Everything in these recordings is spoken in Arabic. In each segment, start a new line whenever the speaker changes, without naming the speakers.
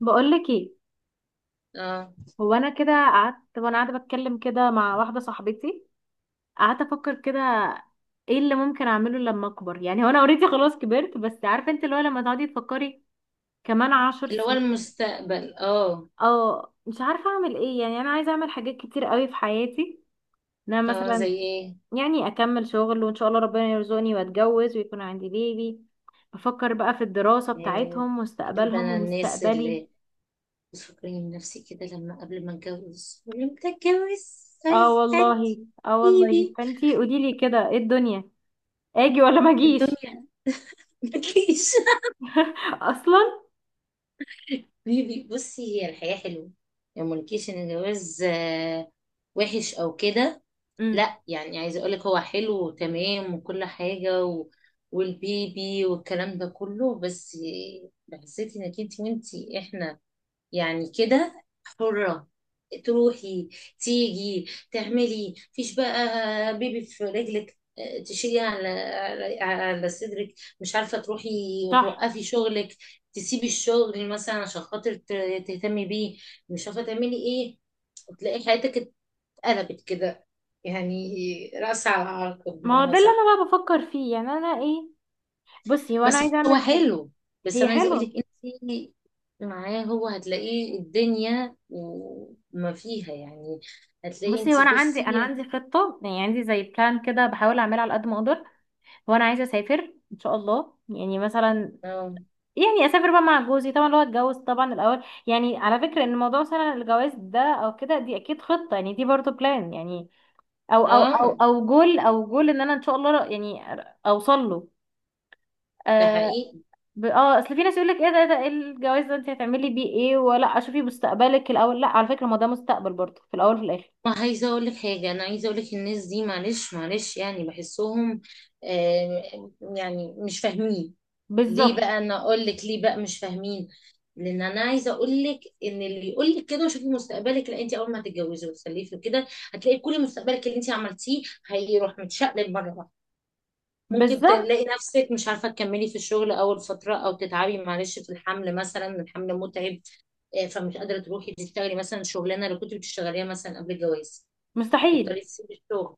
بقولك ايه؟
اه،
هو انا كده قعدت وانا قاعده بتكلم كده مع واحده صاحبتي. قعدت افكر كده ايه اللي ممكن اعمله لما اكبر، يعني هو انا اوريدي خلاص كبرت، بس عارفه انت اللي هو لما تقعدي تفكري كمان عشر
اللي هو
سنين.
المستقبل اه.
اه، مش عارفه اعمل ايه، يعني انا عايزه اعمل حاجات كتير قوي في حياتي. ان انا
اه
مثلا
زي ايه؟
يعني اكمل شغل وان شاء الله ربنا يرزقني واتجوز ويكون عندي بيبي. بفكر بقى في الدراسه
آه،
بتاعتهم،
بحب
مستقبلهم
انا الناس
ومستقبلي.
اللي بتفكرني بنفسي كده، لما قبل ما اتجوز ولما اتجوز
اه
هيستنى
والله. اه والله،
بيبي.
فانتي قوليلي كده ايه الدنيا، اجي ولا ما اجيش؟
الدنيا ملكيش.
اصلا.
بيبي بصي، هي الحياة حلوة، يعني ملكيش ان الجواز وحش او كده.
امم.
لا يعني عايزه اقولك هو حلو وتمام وكل حاجة والبيبي والكلام ده كله. بس حسيتي انك انت وانتي احنا يعني كده حرة، تروحي تيجي تعملي، مفيش بقى بيبي في رجلك تشيلي على على صدرك، مش عارفة تروحي
صح.
وتوقفي شغلك، تسيبي الشغل مثلا عشان خاطر تهتمي بيه، مش عارفة تعملي ايه، وتلاقي حياتك اتقلبت كده، يعني رأس على عقب
ما هو
بمعنى
ده اللي
صح.
انا بقى بفكر فيه. يعني انا ايه؟ بصي هو انا
بس
عايزه
هو
اعمل حاجه.
حلو، بس
هي
انا عايزه اقول لك
حلوه.
انت معاه هو هتلاقيه الدنيا وما فيها يعني، هتلاقي انت
بصي هو انا عندي،
بصي.
خطه، يعني عندي زي بلان كده بحاول اعملها على قد ما اقدر. هو انا عايزه اسافر ان شاء الله، يعني مثلا،
اه.
يعني اسافر بقى مع جوزي، طبعا اللي هو اتجوز طبعا الاول. يعني على فكره ان موضوع مثلا الجواز ده او كده دي اكيد خطه، يعني دي برضه بلان يعني، او او او
اه
او جول ان انا ان شاء الله يعني اوصل له.
ده
آه،
حقيقي.
ب... اه اصل في ناس يقول لك ايه ده، ايه الجواز ده، انت هتعملي بيه ايه؟ ولا شوفي مستقبلك الاول. لا، على فكره ما ده مستقبل برضه في الاول وفي الاخر.
ما عايزه اقول لك حاجه، انا عايزه اقول لك الناس دي معلش معلش يعني بحسهم يعني مش فاهمين. ليه
بالظبط
بقى؟ انا اقول لك ليه بقى مش فاهمين، لان انا عايزه اقول لك ان اللي يقول لك كده وشوفي مستقبلك، لا انت اول ما هتتجوزي وتخلفي وكده هتلاقي كل مستقبلك اللي انت عملتيه هيروح متشقلب مره واحده. ممكن
بالظبط.
تلاقي نفسك مش عارفه تكملي في الشغل اول فتره، او تتعبي معلش في الحمل، مثلا الحمل متعب فمش قادره تروحي تشتغلي مثلا الشغلانه اللي كنت بتشتغليها مثلا قبل الجواز، تضطري
مستحيل.
تسيبي الشغل.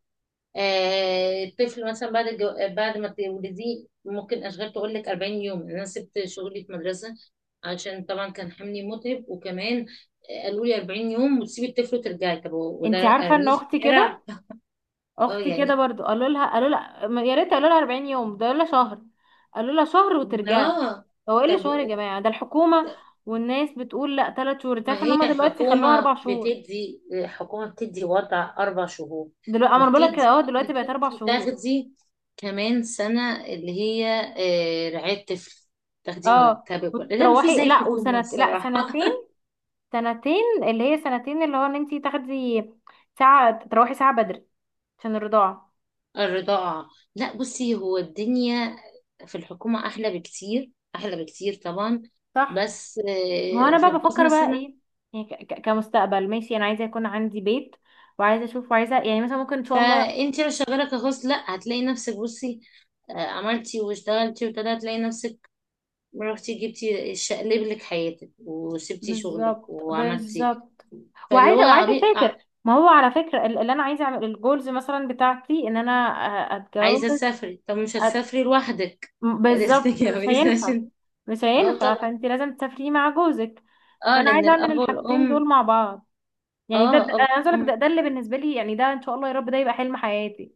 الطفل مثلا بعد الجو... آه، بعد ما تولديه ممكن اشغال تقول لك 40 يوم، يعني انا سبت شغلي في مدرسه عشان طبعا كان حملي متعب، وكمان قالوا لي 40 يوم وتسيبي الطفل وترجعي. طب وده
انت عارفه ان
ارميه في
اختي كده،
الشارع؟ اه
اختي كده
يعني.
برضه قالوا لها يا ريت، قالوا لها 40 يوم. ده قالوا لها شهر، قالوا لها شهر وترجعي.
اه.
هو ايه اللي
طب
شهر يا جماعه؟ ده الحكومه. والناس بتقول لا، ثلاث شهور. انت
ما
عارفه ان
هي
هم دلوقتي خلوها اربع
الحكومة
شهور؟
بتدي، الحكومة بتدي وضع 4 شهور،
دلوقتي اما انا بقول لك
وبتدي
دلوقتي
إنك
بقت اربع
أنت
شهور.
تاخدي كمان سنة اللي هي رعاية طفل، تاخدي
اه،
مرتبك ولا لا. ما في
وتروحي
زي
لا
الحكومة
وسنة لا
الصراحة.
سنتين. سنتين، اللي هي سنتين، اللي هو ان انتي تاخدي ساعة تروحي ساعة بدري عشان الرضاعة.
الرضاعة. لا بصي هو الدنيا في الحكومة أحلى بكتير، أحلى بكتير طبعا.
صح.
بس
ما هو انا
في
بقى
الخاص
بفكر بقى
مثلا،
ايه؟ يعني كمستقبل ماشي، انا عايزة يكون عندي بيت وعايزة اشوف، وعايزة يعني مثلا ممكن ان شاء الله.
فأنت لو شغالة كخاص لا هتلاقي نفسك بصي عملتي واشتغلتي وابتدى، هتلاقي نفسك ما رحتي جبتي شقلب لك حياتك وسبتي شغلك
بالظبط
وعملتي.
بالظبط.
فاللي هو
وعايزة
عبي... ع-
اسافر، ما هو على فكرة اللي انا عايزة اعمل الجولز مثلا بتاعتي ان انا اتجوز.
عايزه تسافري، طب مش
أت...
هتسافري لوحدك، فلازم
بالظبط، مش
تتجوزي
هينفع.
عشان.
مش
اه
هينفع،
طبعا.
فانت لازم تسافري مع جوزك.
اه
فانا
لان
عايزة اعمل
الاب
الحاجتين دول
والام.
مع بعض. يعني
اه اب
انا عايزه اقول لك، ده
وام.
اللي بالنسبه لي، يعني ده ان شاء الله يا رب ده يبقى حلم حياتي.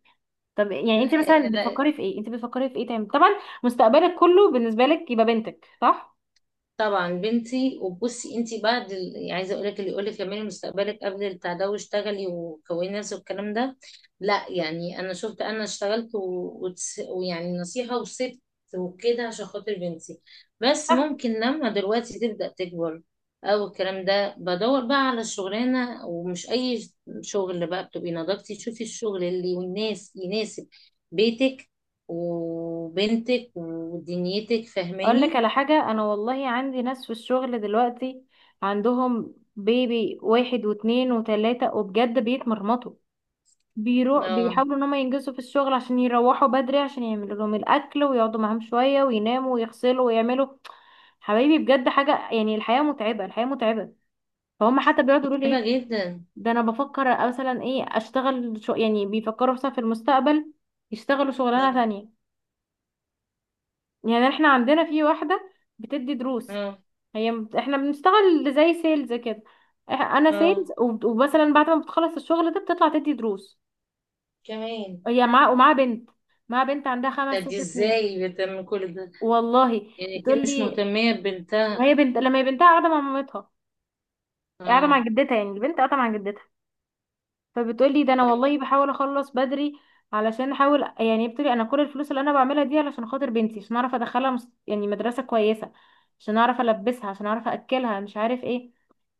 طب يعني انت مثلا
لا.
بتفكري في ايه، انت بتفكري في ايه تاني طبعا؟ مستقبلك كله بالنسبه لك يبقى بنتك، صح.
طبعا بنتي. وبصي انت يعني عايزه اقول لك اللي يقول لك كملي مستقبلك قبل البتاع ده واشتغلي وكوني نفسك والكلام ده، لا يعني انا شفت، انا اشتغلت ويعني نصيحه وسبت وكده عشان خاطر بنتي. بس
صح.
ممكن لما دلوقتي تبدا تكبر او الكلام ده بدور بقى على شغلانه، ومش اي شغل بقى، بتبقي نضجتي تشوفي الشغل اللي والناس يناسب بيتك وبنتك ودنيتك،
اقول لك
فاهماني.
على حاجه، انا والله عندي ناس في الشغل دلوقتي عندهم بيبي واحد واتنين وتلاته، وبجد بيتمرمطوا. بيروح
اه
بيحاولوا ان هم ينجزوا في الشغل عشان يروحوا بدري، عشان يعملوا لهم الاكل ويقعدوا معاهم شويه ويناموا ويغسلوا ويعملوا. حبايبي بجد حاجه، يعني الحياه متعبه الحياه متعبه. فهم حتى بيقعدوا يقولوا لي
صعبة
ايه.
جدا.
ده انا بفكر مثلا ايه اشتغل شو، يعني بيفكروا مثلا في المستقبل يشتغلوا شغلانه
ده.
تانية. يعني احنا عندنا في واحده بتدي دروس.
اه.
احنا بنشتغل زي سيلز كده. انا سيلز
اه
ومثلا بعد ما بتخلص الشغل ده بتطلع تدي دروس.
كمان.
هي معاها ومعاها بنت. معاها بنت عندها خمس
ده دي
ست سنين.
ازاي بتعمل كل ده؟
والله
يعني اكيد
بتقول
مش
لي.
مهتمية
ما
ببنتها.
هي بنت، لما هي بنتها قاعده مع مامتها، قاعده مع
اه.
جدتها، يعني البنت قاعده مع جدتها. فبتقولي ده انا
تمام.
والله بحاول اخلص بدري علشان احاول، يعني بتقولي انا كل الفلوس اللي انا بعملها دي علشان خاطر بنتي، عشان اعرف ادخلها يعني مدرسة كويسة، عشان اعرف البسها، عشان اعرف اكلها، مش عارف ايه.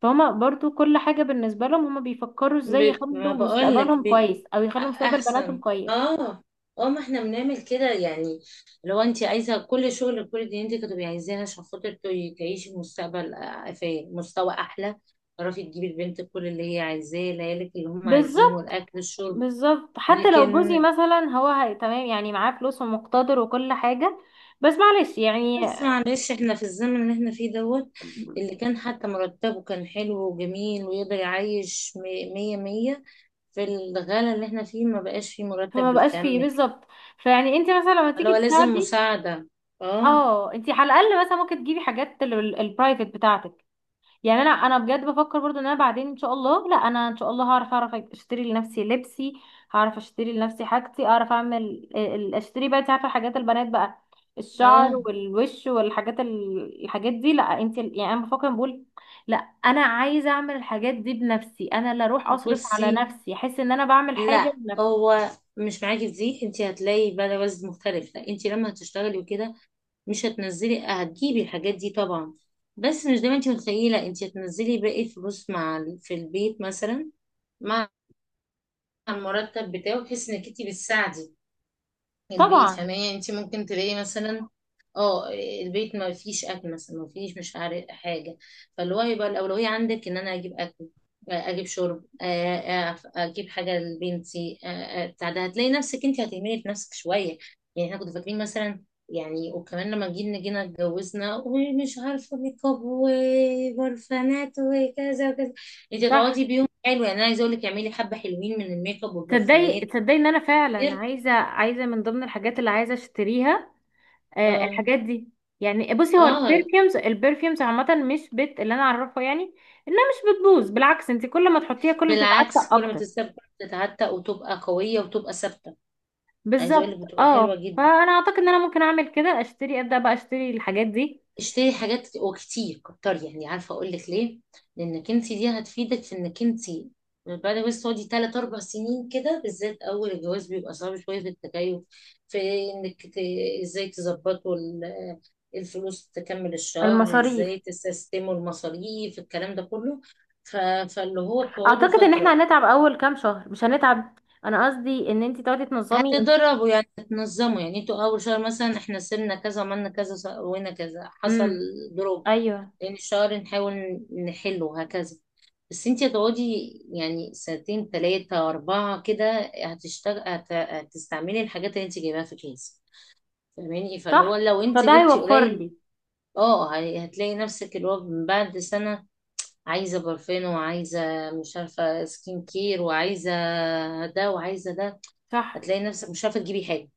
فهما برضو كل حاجة بالنسبة لهم، هما بيفكروا ازاي
ما
يخلوا
بقولك
مستقبلهم كويس او يخلوا مستقبل بناتهم
احسن.
كويس.
اه. اه ما احنا بنعمل كده يعني، لو انت عايزة كل شغل كل دي انت كنت عايزاها عشان خاطر تعيشي مستقبل في مستوى احلى، تعرفي تجيبي لبنتك كل اللي هي عايزاه، ليالك اللي هم عايزينه
بالظبط
الاكل الشرب.
بالظبط، حتى لو جوزي
لكن
مثلا هو تمام، يعني معاه فلوس ومقتدر وكل حاجة، بس معلش يعني.
بس معلش احنا في الزمن اللي احنا فيه دوت، اللي كان حتى مرتبه كان حلو وجميل ويقدر يعيش مية مية، في الغلا اللي احنا فيه ما بقاش فيه
فما
مرتب
بقاش فيه
بيكمل.
بالظبط. فيعني انت مثلا لما تيجي
لو لازم
تساعدي.
مساعدة. اه.
اه، انت على الاقل مثلا ممكن تجيبي حاجات البرايفت بتاعتك. يعني انا بجد بفكر برضو ان انا بعدين ان شاء الله، لا، انا ان شاء الله هعرف اشتري لنفسي لبسي، هعرف اشتري لنفسي حاجتي، اعرف اعمل، اشتري بقى، انت عارفه حاجات البنات بقى، الشعر
اه
والوش والحاجات الحاجات دي. لا انت يعني انا بفكر بقول، لا، انا عايزه اعمل الحاجات دي بنفسي، انا اللي اروح اصرف
بصي،
على نفسي، احس ان انا بعمل حاجه
لا
بنفسي.
هو مش معاكي في دي، انت هتلاقي بقى وزن مختلف، لا انت لما هتشتغلي وكده مش هتنزلي هتجيبي الحاجات دي طبعا، بس مش دايما. انت متخيلة انت هتنزلي باقي الفلوس مع في البيت مثلا، مع المرتب بتاعه، بحيث انك انت بتساعدي البيت،
طبعا.
فاهماني. انت ممكن تلاقي مثلا اه البيت ما فيش اكل مثلا، ما فيش مش عارف حاجه، فاللي هو يبقى الاولويه عندك ان انا اجيب اكل، اجيب شرب، اجيب حاجه لبنتي، بتاع ده. هتلاقي نفسك انت هتهملي في نفسك شويه، يعني احنا كنا فاكرين مثلا يعني، وكمان لما جينا اتجوزنا ومش عارفه ميك اب وبرفانات وكذا وكذا، انت هتقعدي
صح.
بيوم حلو، يعني انا عايزه اقول لك اعملي حبه حلوين من الميك اب والبرفانات
تصدقي تصدقي ان انا فعلا
كتير.
عايزه، من ضمن الحاجات اللي عايزه اشتريها
اه.
الحاجات دي. يعني بصي هو
اه
البرفيومز عامه مش بت اللي انا اعرفه، يعني انها مش بتبوظ، بالعكس انت كل ما تحطيها كل ما
بالعكس،
بتتعفن
كل ما
اكتر.
تستبدل تتعتق وتبقى قوية وتبقى ثابتة. عايزة اقول لك
بالظبط،
بتبقى حلوة جدا،
فانا اعتقد ان انا ممكن اعمل كده، اشتري ابدا بقى اشتري الحاجات دي.
اشتري حاجات وكتير كتر، يعني عارفة اقول لك ليه، لانك انت دي هتفيدك في انك انت بعد بس تقعدي 3 4 سنين كده، بالذات أول الجواز بيبقى صعب شوية في التكيف، في إنك ت... إزاي تظبطوا الفلوس تكمل الشهر،
المصاريف.
إزاي تسيستموا المصاريف، الكلام ده كله. ف... فاللي هو بتقعدوا
اعتقد ان احنا
فترة
هنتعب اول كام شهر، مش هنتعب. انا قصدي ان انت تقعدي تنظمي.
هتدربوا يعني، هتنظموا يعني انتوا اول شهر مثلا احنا سيبنا كذا، عملنا كذا، سوينا كذا، حصل
امم.
دروب،
ايوه.
لان الشهر نحاول نحله هكذا. بس انتي هتقعدي يعني 2 3 4 كده، هتستعملي الحاجات اللي انتي جايباها في كيس، فاهماني. فاللي هو
صح،
لو
فده
انتي جبتي
هيوفر
قليل
لي.
اه هتلاقي نفسك اللي هو من بعد سنة عايزة برفان، وعايزة مش عارفة سكين كير، وعايزة ده وعايزة ده،
صح،
هتلاقي نفسك مش عارفة تجيبي حاجة،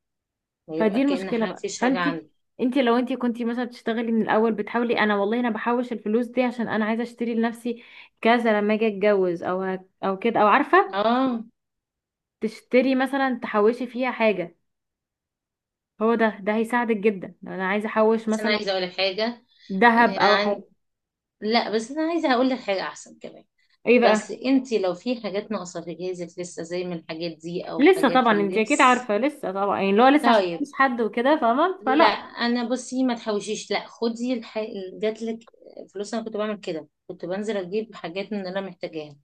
ويبقى
فدي
كأن
المشكله بقى.
مفيش حاجة
فانتي،
عندي.
انتي لو انتي كنتي مثلا بتشتغلي من الاول بتحاولي، انا والله انا بحوش الفلوس دي عشان انا عايزه اشتري لنفسي كذا لما اجي اتجوز او او كده، او عارفه
اه.
تشتري مثلا تحوشي فيها حاجه. هو ده هيساعدك جدا، لو انا عايزه احوش
بس انا
مثلا
عايزة اقولك حاجة
ذهب او
يعني،
حاجه.
لا بس انا عايزة اقول لك حاجة احسن كمان.
ايه
بس
بقى؟
انتي لو في حاجات ناقصة في جهازك لسه، زي من الحاجات دي او
لسه
حاجات في
طبعا انتي اكيد
اللبس.
عارفه، لسه طبعا، يعني اللي هو لسه عشان
طيب.
مفيش حد وكده فاهمه،
لا
فلا.
انا بصي ما تحوشيش، لا خدي جاتلك فلوس انا كنت بعمل كده، كنت بنزل اجيب حاجات من اللي انا محتاجاها،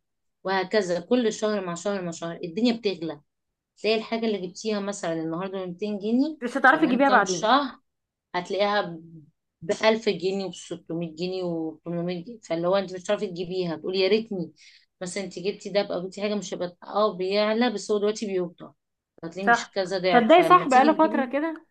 وهكذا كل شهر مع شهر مع شهر الدنيا بتغلى، تلاقي الحاجة اللي جبتيها مثلا النهاردة ب 200 جنيه
مش هتعرفي
كمان
تجيبيها
كام
بعدين.
شهر هتلاقيها بـ1000 جنيه وبستمية جنيه وبتمنمية جنيه، فاللي هو انت مش هتعرفي تجيبيها، تقولي يا ريتني بس انت جبتي ده. بقى جبتي حاجة مش هيبقى اه بيعلى، بس هو دلوقتي بيوطى، هتلاقيه مش
صح.
كذا ضعف
تصدقي
فلما
صح، بقاله
تيجي
فتره
تجيبيه.
كده.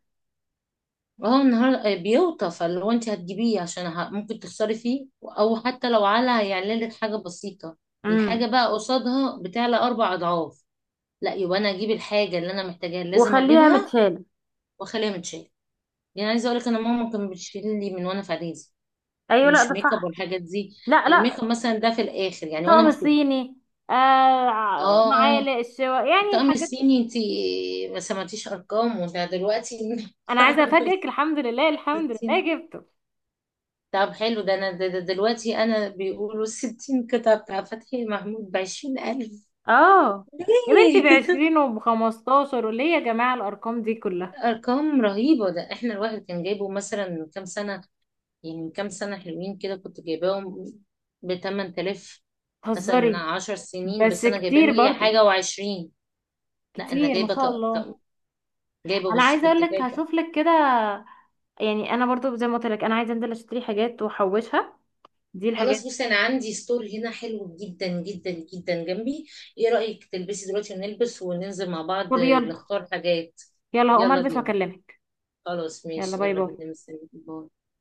اه النهار آه بيوطى، فاللي هو انت هتجيبيه عشان ممكن تخسري فيه، او حتى لو على هيعلى لك حاجة بسيطة، الحاجة
امم.
بقى قصادها بتعلى 4 أضعاف. لا يبقى أنا أجيب الحاجة اللي أنا محتاجاها اللي لازم
وخليها
أجيبها
متشاله.
وأخليها متشالة. يعني عايزة أقولك أنا ماما كانت بتشيل لي من وأنا في إعدادي،
ايوه، لا
مش
ده
ميك اب
صح.
والحاجات دي،
لا
الميك اب
لا.
مثلا ده في الاخر يعني وانا
طقم
مخطوبه.
الصيني. معالق
اه
الشوا يعني
الطقم
الحاجات.
الصيني انت ما سمعتيش ارقامه ده دلوقتي.
انا عايزه
الطقم
افاجئك، الحمد لله الحمد
الـ60.
لله جبته.
طب حلو ده، انا ده ده دلوقتي انا بيقولوا الـ60 قطعة بتاع فتحي محمود بـ20 ألف.
اه يا بنتي،
ليه؟
بعشرين وبخمستاشر، وليه يا جماعه الارقام دي كلها؟
أرقام رهيبة، ده احنا الواحد كان جايبه مثلا من كام سنة، يعني من كام سنة حلوين كده كنت جايباهم بـ8 تلاف. مثلا من
تهزري.
10 سنين
بس
بس أنا جايباه
كتير
مية
برضو.
حاجة وعشرين لا أنا
كتير ما
جايبة
شاء الله.
طقم، جايبه،
انا
بصي
عايزه اقول
كنت
لك
جايبه.
هشوف لك كده، يعني انا برضو زي ما قلت لك انا عايزه انزل اشتري حاجات واحوشها. دي الحاجات.
خلاص بصي انا عندي ستور هنا حلو جدا جدا جدا جنبي، ايه رأيك تلبسي دلوقتي ونلبس وننزل مع بعض
طب يلا.
نختار حاجات؟
يلا هقوم
يلا
البس
بينا.
واكلمك.
خلاص
يلا
ماشي،
باي
يلا
باي.
بينا، مستنيك، باي.